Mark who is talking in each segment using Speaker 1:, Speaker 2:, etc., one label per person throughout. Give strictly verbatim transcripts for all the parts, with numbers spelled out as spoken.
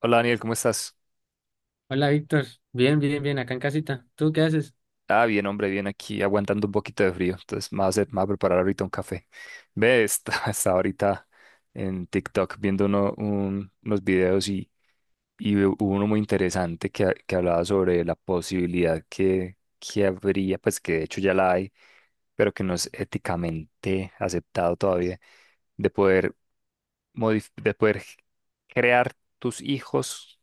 Speaker 1: Hola Daniel, ¿cómo estás?
Speaker 2: Hola Víctor, bien, bien, bien, acá en casita. ¿Tú qué haces?
Speaker 1: Ah, bien, hombre, bien aquí, aguantando un poquito de frío. Entonces, me va a hacer- me voy a preparar ahorita un café. Ve, está- estaba ahorita en TikTok viendo uno- un- unos videos y, y hubo uno muy interesante que, ha- que hablaba sobre la posibilidad que, que habría, pues que de hecho ya la hay, pero que no es éticamente aceptado todavía, de poder, modif- de poder crear tus hijos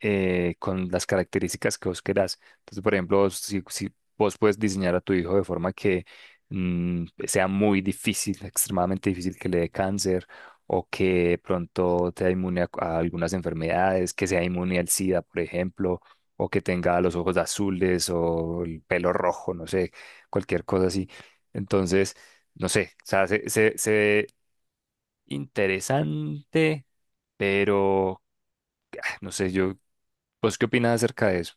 Speaker 1: eh, con las características que vos querás. Entonces, por ejemplo, vos- si, si vos puedes diseñar a tu hijo de forma que mm, sea muy difícil, extremadamente difícil que le dé cáncer o que de pronto sea inmune a, a algunas enfermedades, que sea inmune al SIDA, por ejemplo, o que tenga los ojos azules o el pelo rojo, no sé, cualquier cosa así. Entonces, no sé, o sea, se, se, se ve interesante, pero ah, no sé, yo, ¿vos qué opinas acerca de eso?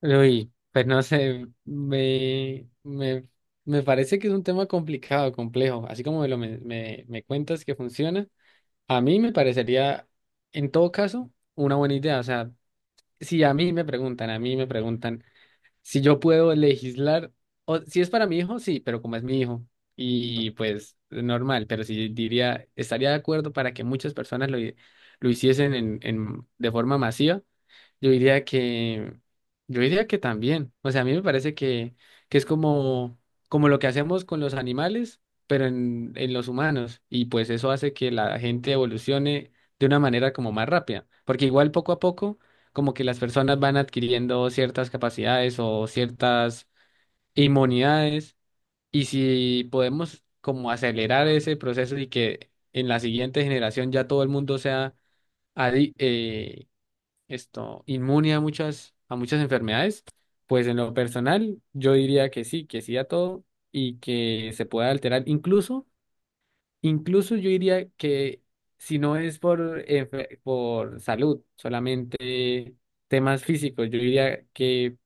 Speaker 2: Uy, pues no sé, me, me, me parece que es un tema complicado, complejo. Así como me lo me, me, me cuentas que funciona, a mí me parecería, en todo caso, una buena idea. O sea, si a mí me preguntan, a mí me preguntan si yo puedo legislar, o si es para mi hijo, sí, pero como es mi hijo, y pues normal, pero si diría, estaría de acuerdo para que muchas personas lo, hi- lo hiciesen en, en, de forma masiva. Yo diría que, yo diría que también. O sea, a mí me parece que, que es como, como lo que hacemos con los animales, pero en, en los humanos. Y pues eso hace que la gente evolucione de una manera como más rápida. Porque igual poco a poco, como que las personas van adquiriendo ciertas capacidades o ciertas inmunidades. Y si podemos como acelerar ese proceso y que en la siguiente generación ya todo el mundo sea adicto, esto inmune a muchas, a muchas enfermedades, pues en lo personal yo diría que sí, que sí a todo y que se puede alterar. Incluso, incluso yo diría que si no es por, enfe- por salud, solamente temas físicos, yo diría que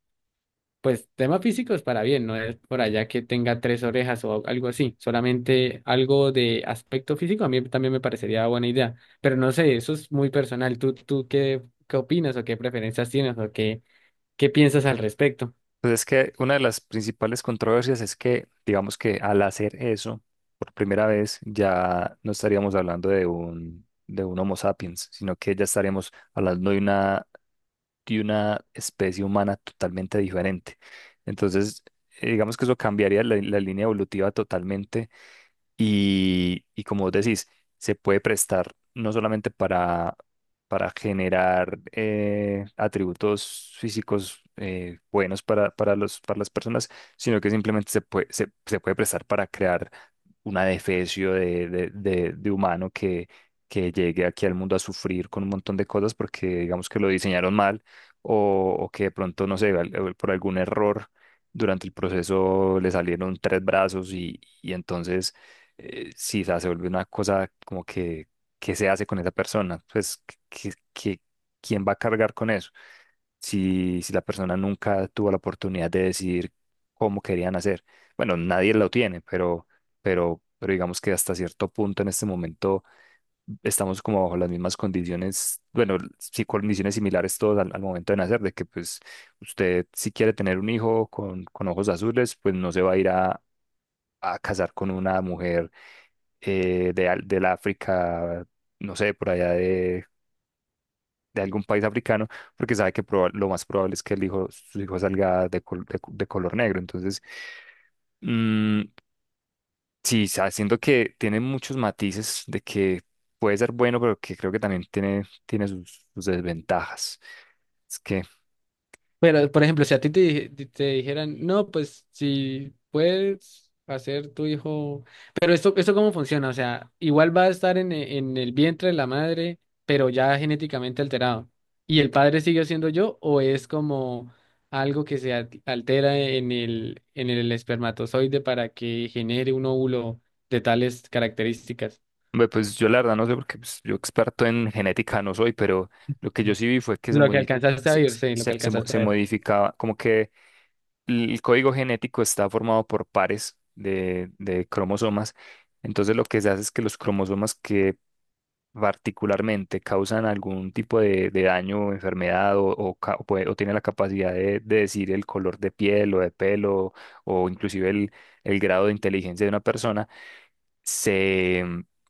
Speaker 2: pues tema físico es para bien, no es por allá que tenga tres orejas o algo así, solamente algo de aspecto físico a mí también me parecería buena idea, pero no sé, eso es muy personal. ¿Tú, tú qué, qué opinas o qué preferencias tienes o qué, qué piensas al respecto?
Speaker 1: Pues es que una de las principales controversias es que, digamos que al hacer eso, por primera vez, ya no estaríamos hablando de un, de un, Homo sapiens, sino que ya estaríamos hablando de una, de una especie humana totalmente diferente. Entonces, eh, digamos que eso cambiaría la, la línea evolutiva totalmente y, y como vos decís, se puede prestar no solamente para, para generar eh, atributos físicos eh, buenos para, para los, para las personas, sino que simplemente se puede, se, se puede prestar para crear una defecio de, de, de- de humano que, que llegue aquí al mundo a sufrir con un montón de cosas porque digamos que lo diseñaron mal o, o que de pronto, no sé, al- por algún error durante el proceso le salieron tres brazos y, y entonces eh, sí, o sea, se vuelve una cosa como que, ¿qué se hace con esa persona? Pues, que, que, ¿quién va a cargar con eso? si, si la persona nunca tuvo la oportunidad de decidir cómo querían hacer. Bueno, nadie lo tiene, pero, pero, pero, digamos que hasta cierto punto en este momento estamos como bajo las mismas condiciones, bueno, sí, condiciones similares todos al, al, momento de nacer, de que pues usted si quiere tener un hijo con, con ojos azules, pues no se va a ir a, a casar con una mujer eh, de, al- del África. No sé, por allá de de algún país africano, porque sabe que proba- lo más probable es que el hijo, su hijo salga de, col- de co- de color negro. Entonces, mm, sí, sa- siento que tiene muchos matices de que puede ser bueno, pero que creo que también tiene, tiene, sus, sus desventajas. Es que,
Speaker 2: Pero, por ejemplo, si a ti te, di- te dijeran, no, pues si puedes hacer tu hijo, pero esto, esto cómo funciona, o sea, igual va a estar en, e- en el vientre de la madre, pero ya genéticamente alterado. ¿Y el padre sigue siendo yo o es como algo que se al- altera en el, en el espermatozoide para que genere un óvulo de tales características?
Speaker 1: hombre, pues yo la verdad no sé, porque pues, yo experto en genética no soy, pero lo que yo sí vi fue que se,
Speaker 2: Lo que
Speaker 1: modi-
Speaker 2: alcanzaste a
Speaker 1: se,
Speaker 2: ver,
Speaker 1: se,
Speaker 2: sí, lo
Speaker 1: se-
Speaker 2: que
Speaker 1: se mo-
Speaker 2: alcanzaste a
Speaker 1: se
Speaker 2: ver.
Speaker 1: modificaba, como que el código genético está formado por pares de, de, cromosomas. Entonces lo que se hace es que los cromosomas que particularmente causan algún tipo de, de daño o enfermedad o, o, ca- o puede- o tienen la capacidad de, de decir el color de piel o de pelo o inclusive el, el grado de inteligencia de una persona, se,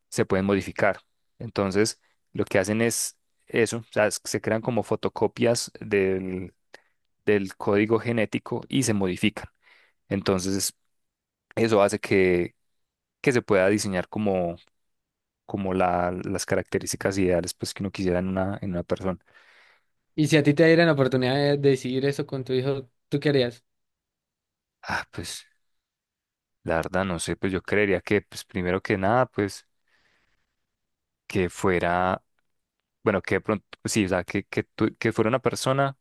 Speaker 1: se pueden modificar. Entonces lo que hacen es eso, o sea, es- se crean como fotocopias del del código genético y se modifican. Entonces, eso hace que, que, se pueda diseñar como, como la- las características ideales pues, que uno quisiera en una, en una persona.
Speaker 2: Y si a ti te dieran la oportunidad de decidir eso con tu hijo, ¿tú qué harías?
Speaker 1: Ah, pues la verdad no sé, pues yo creería que, pues primero que nada, pues que fuera, bueno, que de pronto, pues, sí, o sea, que, que, tu- que fuera una persona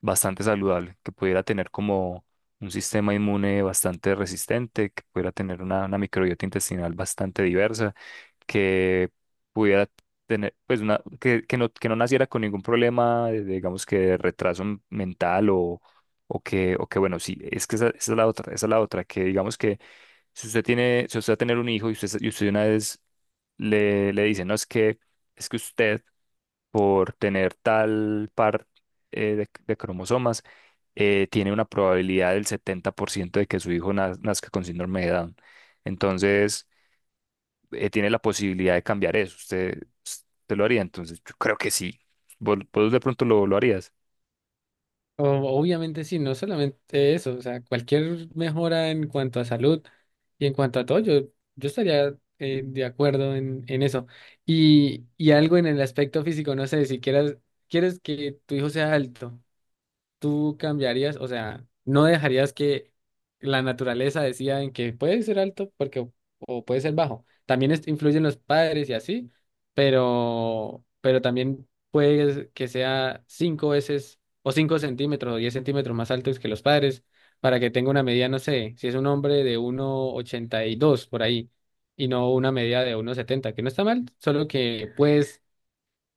Speaker 1: bastante saludable, que pudiera tener como un sistema inmune bastante resistente, que pudiera tener una, una, microbiota intestinal bastante diversa, que pudiera tener, pues, una, que, que no, que no naciera con ningún problema, de- digamos que de retraso m- mental o, o que, o que, bueno, sí, es que esa, esa, es la otra, esa es la otra, que digamos que si usted tiene, si usted va a tener un hijo y usted, y usted, una vez le, le, dice, no, es que, es que usted por tener tal par eh, de, de cromosomas, eh, tiene una probabilidad del setenta por ciento de que su hijo naz- nazca con síndrome de Down. Entonces, eh, tiene la posibilidad de cambiar eso. ¿Usted, usted lo haría? Entonces, yo creo que sí. ¿Vos, vos de pronto lo, lo harías?
Speaker 2: O- Obviamente sí, no solamente eso, o sea, cualquier mejora en cuanto a salud y en cuanto a todo, yo, yo estaría eh, de acuerdo en, en eso. Y, y algo en el aspecto físico, no sé, si quieras, quieres que tu hijo sea alto, tú cambiarías, o sea, no dejarías que la naturaleza decida en que puede ser alto porque, o puede ser bajo. También es- influyen los padres y así, pero, pero también puede que sea cinco veces o cinco centímetros o diez centímetros más altos que los padres para que tenga una medida, no sé, si es un hombre de uno ochenta y dos por ahí y no una medida de uno setenta que no está mal, solo que puedes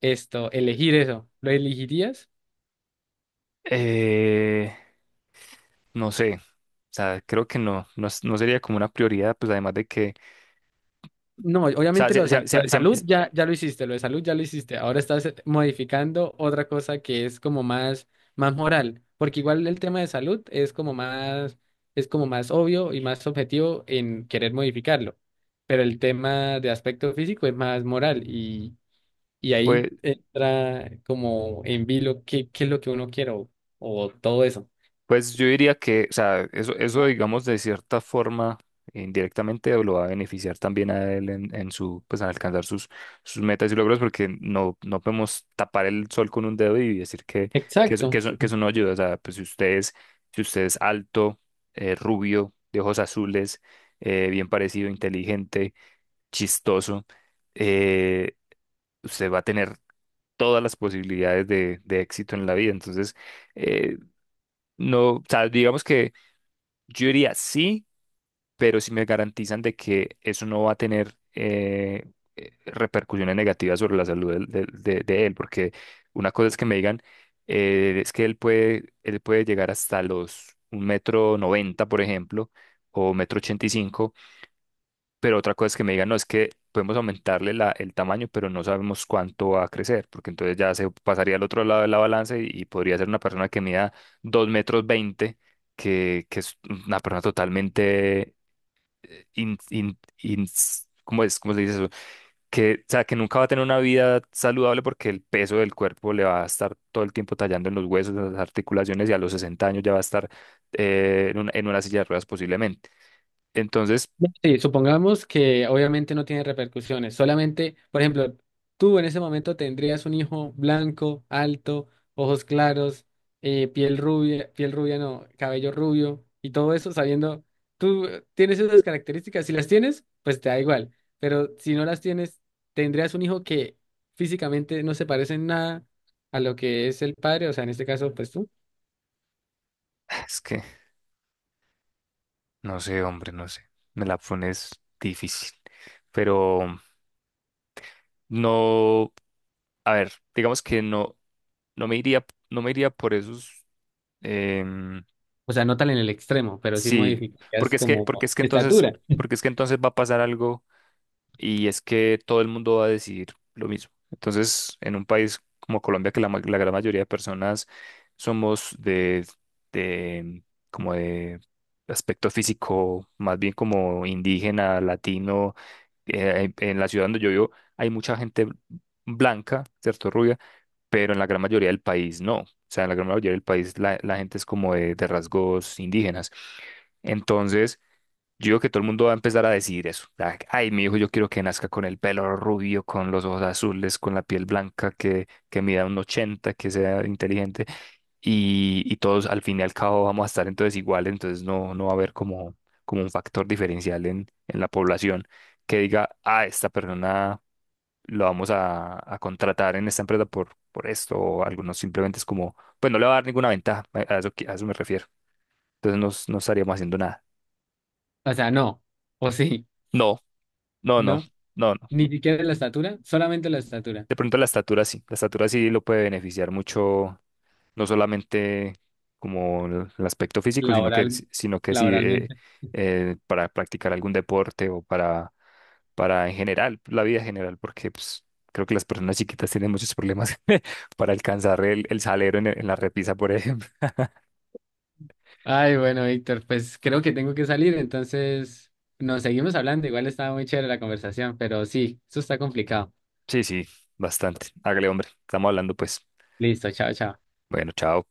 Speaker 2: esto, elegir eso. ¿Lo elegirías?
Speaker 1: Eh, no sé. O sea, creo que no, no, es- no sería como una prioridad, pues además de que, o
Speaker 2: No,
Speaker 1: sea,
Speaker 2: obviamente lo
Speaker 1: se,
Speaker 2: de,
Speaker 1: se-
Speaker 2: sal- lo
Speaker 1: se-
Speaker 2: de salud
Speaker 1: se-
Speaker 2: ya, ya lo hiciste, lo de salud ya lo hiciste. Ahora estás eh, modificando otra cosa que es como más, más moral, porque igual el tema de salud es como más, es como más obvio y más objetivo en querer modificarlo. Pero el tema de aspecto físico es más moral y, y ahí
Speaker 1: pues.
Speaker 2: entra como en vilo qué, qué es lo que uno quiere o, o todo eso.
Speaker 1: Pues yo diría que, o sea, eso, eso, digamos de cierta forma indirectamente lo va a beneficiar también a él en, en, su, pues en alcanzar sus, sus, metas y logros porque no, no podemos tapar el sol con un dedo y decir que, que, eso,
Speaker 2: Exacto.
Speaker 1: que eso- que eso no ayuda. O sea, pues si usted es, si usted es alto, eh, rubio, de ojos azules, eh, bien parecido, inteligente, chistoso, eh, usted va a tener todas las posibilidades de, de éxito en la vida. Entonces, eh, no, o sea, digamos que yo diría sí, pero si me garantizan de que eso no va a tener eh, eh, repercusiones negativas sobre la salud del- del- de, de él, porque una cosa es que me digan, eh, es que él puede, él puede llegar hasta los un metro noventa, por ejemplo, o metro ochenta y cinco, pero otra cosa es que me digan, no, es que podemos aumentarle la, el tamaño, pero no sabemos cuánto va a crecer, porque entonces ya se pasaría al otro lado de la balanza y, y podría ser una persona que mida dos metros veinte, que, que, es una persona totalmente, eh, in- in- ins- ¿cómo es? ¿Cómo se dice eso? Que, o sea, que nunca va a tener una vida saludable porque el peso del cuerpo le va a estar todo el tiempo tallando en los huesos, en las articulaciones y a los sesenta años ya va a estar eh, en una, en una, silla de ruedas posiblemente. Entonces,
Speaker 2: No, sí, supongamos que obviamente no tiene repercusiones, solamente, por ejemplo, tú en ese momento tendrías un hijo blanco, alto, ojos claros, eh, piel rubia, piel rubia no, cabello rubio y todo eso sabiendo, tú eh, tienes esas características, si las tienes, pues te da igual, pero si no las tienes, tendrías un hijo que físicamente no se parece en nada a lo que es el padre, o sea, en este caso, pues tú,
Speaker 1: es que... No sé, hombre, no sé. Me la pones difícil. Pero no, a ver, digamos que no, no me iría, no me iría, por esos. em,
Speaker 2: o sea, no tan en el extremo, pero sí
Speaker 1: sí,
Speaker 2: modificarías
Speaker 1: porque es que, porque
Speaker 2: como
Speaker 1: es que entonces,
Speaker 2: estatura,
Speaker 1: porque es que entonces va a pasar algo y es que todo el mundo va a decidir lo mismo. Entonces, en un país como Colombia, que la, ma- la gran mayoría de personas somos de, de, em, como de aspecto físico, más bien como indígena, latino eh, en en la ciudad donde yo vivo hay mucha gente blanca, ¿cierto? Rubia, pero en la gran mayoría del país no. O sea, en la gran mayoría del país la, la, gente es como de, de rasgos indígenas. Entonces, yo digo que todo el mundo va a empezar a decidir eso. Ah, Ay, mi hijo, yo quiero que nazca con el pelo rubio, con los ojos azules, con la piel blanca, que, que, mida un ochenta que sea inteligente. Y, y todos al fin y al cabo vamos a estar entonces iguales, entonces no, no, va a haber como, como, un factor diferencial en, en la población que diga, ah, esta persona lo vamos a, a contratar en esta empresa por, por esto, o algunos simplemente es como, pues no le va a dar ninguna ventaja, a a eso, que- a eso me refiero. Entonces no, no estaríamos haciendo nada.
Speaker 2: o sea, no, o sí.
Speaker 1: No, no, no.
Speaker 2: No,
Speaker 1: No, no.
Speaker 2: ni siquiera la estatura, solamente la estatura,
Speaker 1: De pronto la estatura sí, la estatura sí lo puede beneficiar mucho, no solamente como el el aspecto físico, sino que,
Speaker 2: laboral,
Speaker 1: si- sino que sí eh,
Speaker 2: laboralmente.
Speaker 1: eh, para practicar algún deporte o para, para en general, la vida en general, porque pues, creo que las personas chiquitas tienen muchos problemas para alcanzar el, el, salero en, en la repisa, por ejemplo.
Speaker 2: Ay, bueno, Víctor, pues creo que tengo que salir, entonces nos seguimos hablando. Igual estaba muy chévere la conversación, pero sí, eso está complicado.
Speaker 1: Sí, sí, bastante. Hágale, hombre, estamos hablando pues.
Speaker 2: Listo, chao, chao.
Speaker 1: Bueno, chao.